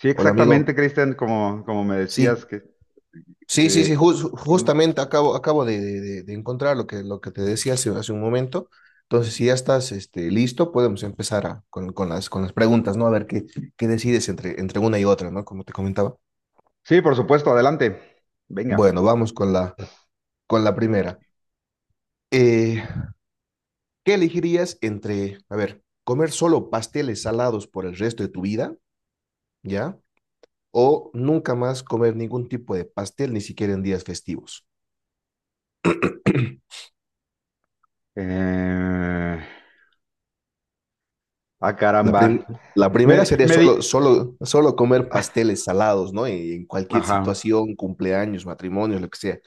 Sí, Hola amigo, exactamente, Cristian, como me decías sí, que, que una- justamente acabo de encontrar lo que te decía hace un momento. Entonces, si ya estás listo, podemos con, con las preguntas, ¿no? A ver qué, qué decides entre una y otra, ¿no? Como te comentaba. Sí, por supuesto, adelante. Bueno, Venga. vamos con con la primera. Eh, ¿Qué elegirías entre, a ver, comer solo pasteles salados por el resto de tu vida, ¿ya? O nunca más comer ningún tipo de pastel, ni siquiera en días festivos. Eh, Ah, La, prim- caramba. la primera Me, sería me di... solo comer pasteles salados, ¿no? En cualquier Ajá. situación, cumpleaños, matrimonios, lo que sea.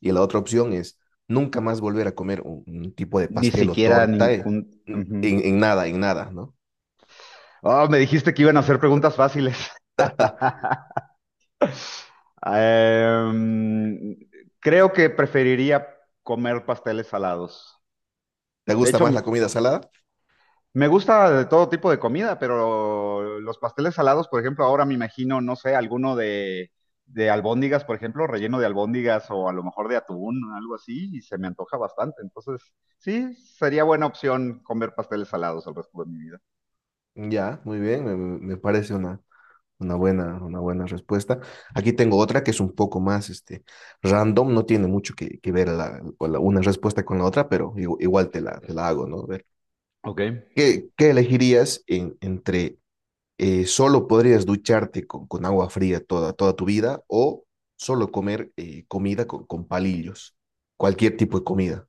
Y la otra opción es nunca más volver a comer un tipo de Ni pastel o siquiera torta en, ujú. En nada, ¿no? Oh, me dijiste que iban a hacer preguntas fáciles. Em, Creo que preferiría comer pasteles salados. ¿Te De gusta hecho, más la comida salada? Me gusta de todo tipo de comida, pero los pasteles salados, por ejemplo, ahora me imagino, no sé, alguno de albóndigas, por ejemplo, relleno de albóndigas o a lo mejor de atún, algo así, y se me antoja bastante. Entonces, sí, sería buena opción comer pasteles salados el resto de mi vida. Ya, muy bien, me parece una buena respuesta. Aquí tengo otra que es un poco más random, no tiene mucho que ver una respuesta con la otra, pero igual te te la hago, ¿no? Ok. ¿Qué elegirías entre solo podrías ducharte con agua fría toda, toda tu vida o solo comer comida con palillos? Cualquier tipo de comida,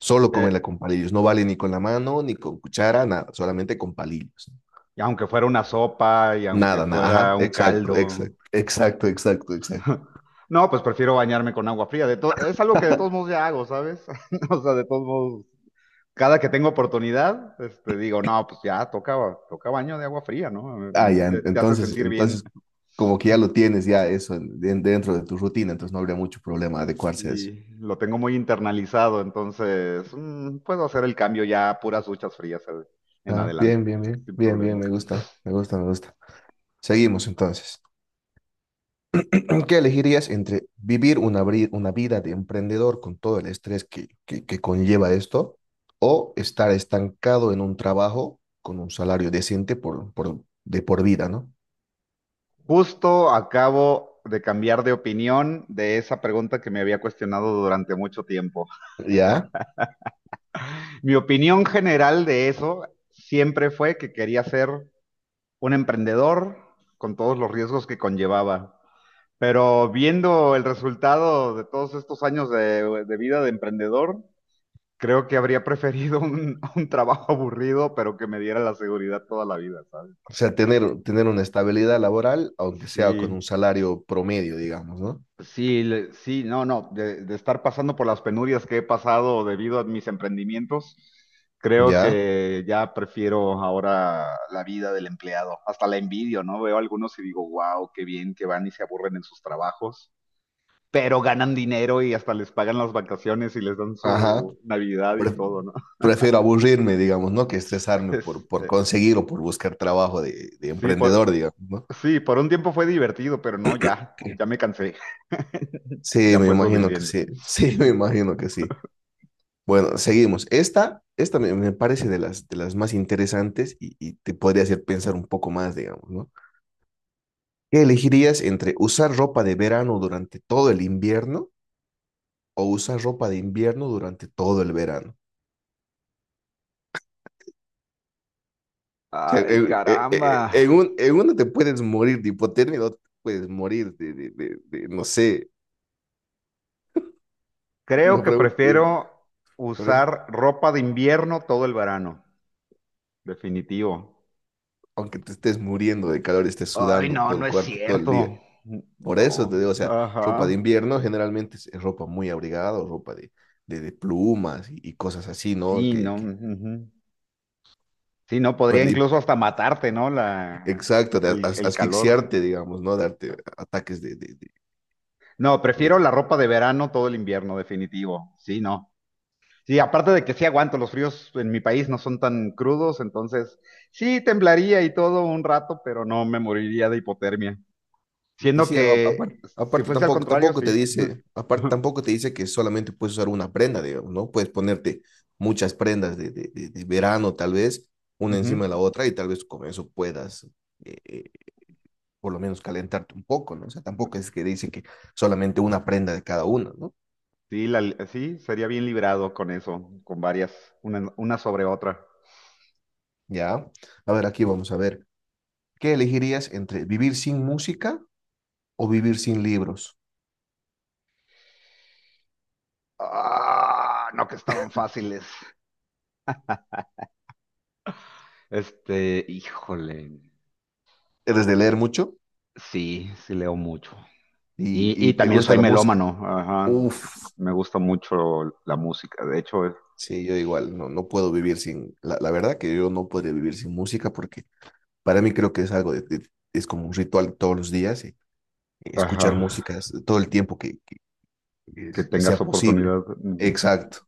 solo Eh, comerla con palillos. No vale ni con la mano, ni con cuchara, nada, solamente con palillos. ¿Y aunque fuera una sopa y aunque Nada, nada, fuera ajá, un exacto, caldo? exacto, exacto, exacto, exacto. No, pues prefiero bañarme con agua fría. De to- es algo que de todos modos ya hago, ¿sabes? O sea, de todos modos cada que tengo oportunidad, este, digo, no, pues ya toca, toca baño de agua fría, ¿no? Ah, ya, Te, te hace sentir bien entonces, como que ya lo tienes ya eso dentro de tu rutina, entonces no habría mucho problema adecuarse a eso. y lo tengo muy internalizado, entonces puedo hacer el cambio ya a puras duchas frías en Ah, adelante, bien, bien, bien, sin bien, bien, problema. me gusta, me gusta, me gusta. Seguimos entonces. ¿Qué elegirías entre vivir una vida de emprendedor con todo el estrés que conlleva esto o estar estancado en un trabajo con un salario decente de por vida, ¿no? Justo acabo de cambiar de opinión de esa pregunta que me había cuestionado durante mucho tiempo. ¿Ya? Mi opinión general de eso siempre fue que quería ser un emprendedor con todos los riesgos que conllevaba. Pero viendo el resultado de todos estos años de vida de emprendedor, creo que habría preferido un trabajo aburrido, pero que me diera la seguridad toda la vida, ¿sabes? O sea, tener una estabilidad laboral, aunque sea con un Sí, salario promedio, digamos, ¿no? sí, le- sí, no, no, de estar pasando por las penurias que he pasado debido a mis emprendimientos, creo ¿Ya? que ya prefiero ahora la vida del empleado. Hasta la envidio, ¿no? Veo algunos y digo, wow, qué bien que van y se aburren en sus trabajos. Pero ganan dinero y hasta les pagan las vacaciones y les dan Ajá. su Navidad y Pre- todo, ¿no? Prefiero aburrirme, digamos, ¿no? Que estresarme Es, por eh, conseguir o por buscar trabajo de sí, emprendedor, por, digamos, ¿no? sí, por un tiempo fue divertido, pero no, ya, ya me cansé, Sí, ya me fue imagino que suficiente. sí. Sí, me imagino que sí. Bueno, seguimos. Esta me parece de de las más interesantes y te podría hacer pensar un poco más, digamos, ¿no? ¿Qué elegirías entre usar ropa de verano durante todo el invierno o usar ropa de invierno durante todo el verano? O sea, Ay, caramba. En uno te puedes morir de hipotermia, en otro te puedes morir no sé, es Creo una que pregunta. Prefiero A ver, usar ropa de invierno todo el verano, definitivo. aunque te estés muriendo de calor, estés Ay, sudando no, todo no el es cuerpo todo el día. cierto. Por eso No, te digo, o sea, ropa de ajá. invierno generalmente es ropa muy abrigada o ropa de plumas y cosas así, ¿no? Sí, no. Que, Ujú. Sí, no, podría pero y- incluso hasta matarte, ¿no? Exacto, el, el calor. asfixiarte, digamos, ¿no? Darte ataques No, de- prefiero la ropa de verano todo el invierno, definitivo. Sí, no. Sí, aparte de que sí aguanto, los fríos en mi país no son tan crudos, entonces sí temblaría y todo un rato, pero no me moriría de hipotermia. Y Siendo sí, que aparte, si fuese al contrario, tampoco te sí. dice, aparte tampoco te dice que solamente puedes usar una prenda, digamos, ¿no? Puedes ponerte muchas prendas de verano, tal vez, una encima de Ujú. la otra, y tal vez con eso puedas eh, eh, por lo menos calentarte un poco, ¿no? O sea, tampoco es que dice que solamente una prenda de cada uno, ¿no? Sí, la- sí, sería bien librado con eso, con varias, una sobre otra. Ya. A ver, aquí vamos a ver. ¿Qué elegirías entre vivir sin música o vivir sin libros? Ah, no que estaban fáciles. Este, híjole. ¿Eres de leer mucho Sí, sí leo mucho. Y Y te también gusta soy la música? melómano, ajá. Uf, Me gusta mucho la música, de hecho, es- sí, yo igual, no, no puedo vivir sin, la verdad que yo no podría vivir sin música porque para mí creo que es algo, es como un ritual todos los días, y ajá, escuchar música es todo el tiempo que que tengas sea posible. oportunidad. Ujú. Exacto.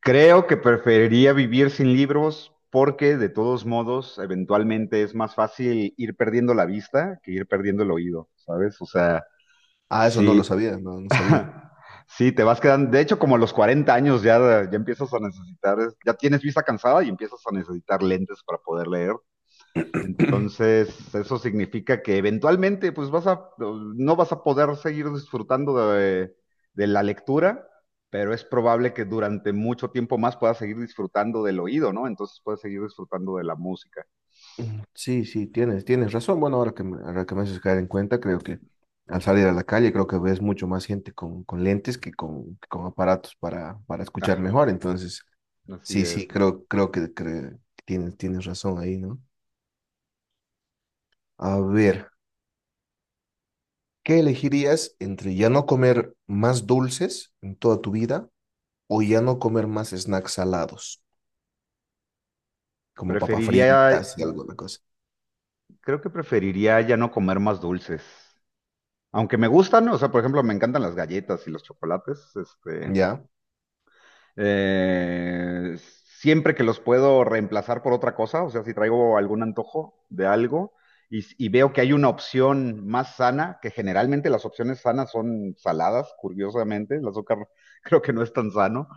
Creo que preferiría vivir sin libros porque de todos modos, eventualmente es más fácil ir perdiendo la vista que ir perdiendo el oído, ¿sabes? O sea, Ah, eso no lo sí, sabía, no, no sabía. sí, te vas quedando, de hecho, como a los 40 años ya, ya empiezas a necesitar, ya tienes vista cansada y empiezas a necesitar lentes para poder leer. Mm, Entonces, eso significa que eventualmente, pues vas a, no vas a poder seguir disfrutando de la lectura, pero es probable que durante mucho tiempo más puedas seguir disfrutando del oído, ¿no? Entonces puedes seguir disfrutando de la música. Sí, sí, tienes, tienes razón. Bueno, ahora ahora que me haces caer en cuenta, creo que al salir a la calle, creo que ves mucho más gente con lentes que con aparatos para escuchar Ah, mejor. Entonces, así sí, es. sí, creo, creo tienes, tienes razón ahí, ¿no? A ver, ¿qué elegirías entre ya no comer más dulces en toda tu vida o ya no comer más snacks salados, como papas Preferiría, fritas y alguna cosa? Creo que preferiría ya no comer más dulces. Aunque me gustan, o sea, por ejemplo, me encantan las galletas y los chocolates, este, ¿Ya? Eh, siempre que los puedo reemplazar por otra cosa, o sea, si traigo algún antojo de algo y veo que hay una opción más sana, que generalmente las opciones sanas son saladas, curiosamente, el azúcar creo que no es tan sano.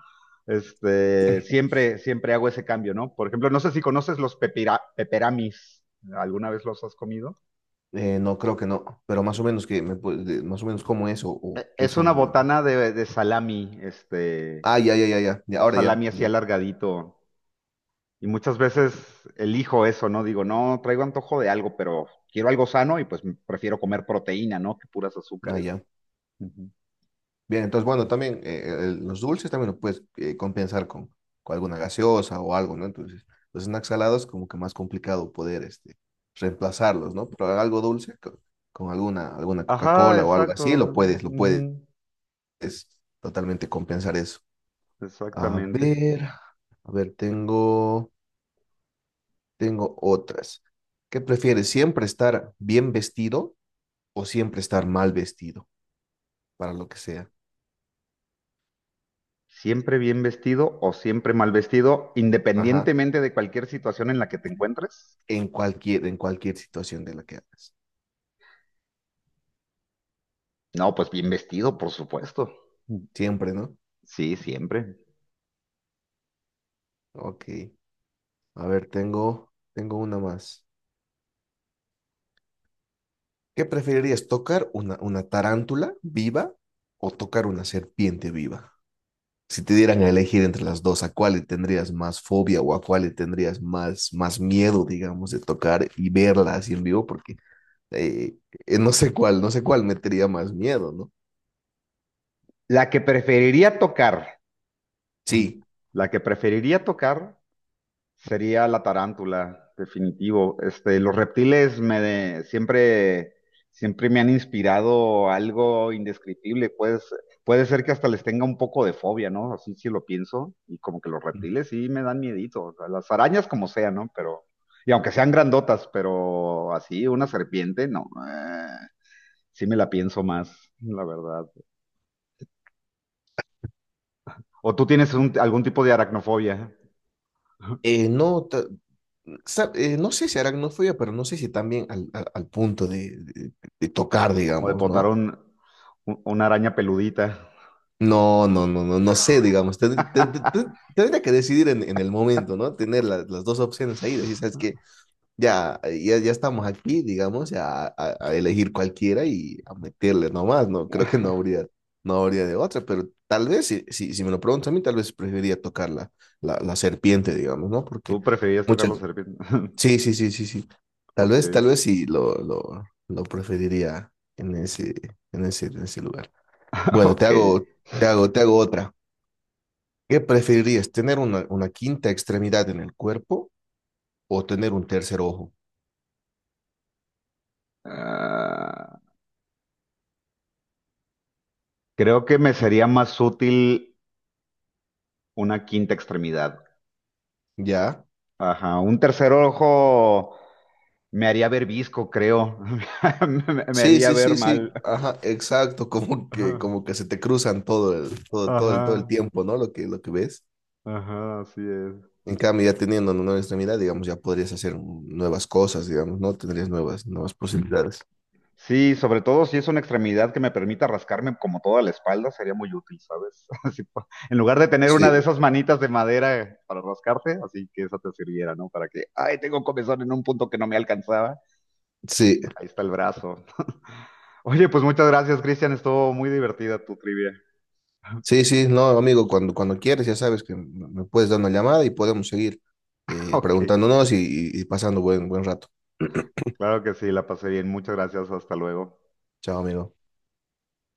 Este, siempre hago ese cambio, ¿no? Por ejemplo, no sé si conoces los pepira- peperamis. ¿Alguna vez los has comido? No, creo que no, pero más o menos que más o menos como eso E- o qué Es una son, digamos. botana de salami, este, Ah, ya, ya, ya, ya, ya, un ahora ya, salami así ya, alargadito. Y muchas veces elijo eso, ¿no? Digo, no, traigo antojo de algo, pero quiero algo sano y pues prefiero comer proteína, ¿no? Que puras ah, azúcares. ya. Ujú. Bien, entonces, bueno, también los dulces también lo puedes compensar con alguna gaseosa o algo, ¿no? Entonces, los snacks salados como que más complicado poder reemplazarlos, ¿no? Pero algo con, alguna, alguna Ajá, Coca-Cola o algo exacto. así, lo puedes Ujú. totalmente compensar eso. A Exactamente. ver, a ver, tengo... Tengo otras. ¿Qué prefieres? ¿Siempre estar bien vestido o siempre estar mal vestido? Para lo que sea. ¿Siempre bien vestido o siempre mal vestido, Ajá. independientemente de cualquier situación en la que te encuentres? En cualquier situación de la que hagas. No, pues bien vestido, por supuesto. Siempre, ¿no? Sí, siempre. Ok. A ver, tengo, tengo una más. ¿Qué preferirías? ¿Tocar una tarántula viva o tocar una serpiente viva? Si te dieran a elegir entre las dos, ¿a cuál le tendrías más fobia o a cuál le tendrías más, más miedo, digamos, de tocar y verla así en vivo? Porque eh, no sé cuál, no sé cuál metería más miedo, ¿no? La que preferiría tocar, Sí. la que preferiría tocar sería la tarántula, definitivo. Este, los reptiles me de- siempre, siempre me han inspirado algo indescriptible. Pues, puede ser que hasta les tenga un poco de fobia, ¿no? Así sí lo pienso. Y como que los reptiles sí me dan miedito. O sea, las arañas como sea, ¿no? Pero, y aunque sean grandotas, pero así, una serpiente, no. Sí me la pienso más, la verdad. ¿O tú tienes un- algún tipo de aracnofobia? Eh, no, ta- no sé si aracnofobia, pero no sé si también al punto de tocar, ¿Como de digamos, potar ¿no? Un- una araña peludita? No, no, no, no, no sé, digamos, tendría que decidir en el momento, ¿no? Tener las dos opciones ahí, decir, ¿sabes qué? Ya, ya, ya estamos aquí, digamos, a elegir cualquiera y a meterle nomás, ¿no? Creo que no habría, no habría de otra, pero tal vez, si me lo preguntas a mí, tal vez preferiría tocar la serpiente, digamos, ¿no? Porque Tú preferías tocar muchas... los serpientes. Sí, sí, sí, sí, sí. Ok, Tal vez sí lo preferiría en en ese lugar. Bueno, te ok. hago, te hago, te hago otra. ¿Qué preferirías, tener una quinta extremidad en el cuerpo o tener un tercer ojo? Ah, creo que me sería más útil una quinta extremidad. ¿Ya? Ajá, un tercer ojo me haría ver visco, creo. Me Sí, haría sí, ver sí, sí, mal. ajá, exacto, Ajá, como que se te cruzan todo todo el ajá, tiempo, ¿no? Lo que ves. ajá, así es. En cambio, ya teniendo una nueva extremidad, digamos, ya podrías hacer nuevas cosas, digamos, ¿no? Tendrías nuevas, nuevas posibilidades. Sí, sobre todo si es una extremidad que me permita rascarme como toda la espalda, sería muy útil, ¿sabes? Así pa- en lugar de tener una Sí, de esas manitas de madera para rascarte, así que esa te sirviera, ¿no? Para que, ay, tengo comezón en un punto que no me alcanzaba. sí, Ahí está el brazo. Oye, pues muchas gracias, Cristian. Estuvo muy divertida tu trivia. sí, sí, no, amigo, cuando, cuando quieres, ya sabes que me puedes dar una llamada y podemos seguir Ok, preguntándonos y, y pasando buen, buen rato. claro que sí, la pasé bien. Muchas gracias. Hasta luego. Chao, amigo.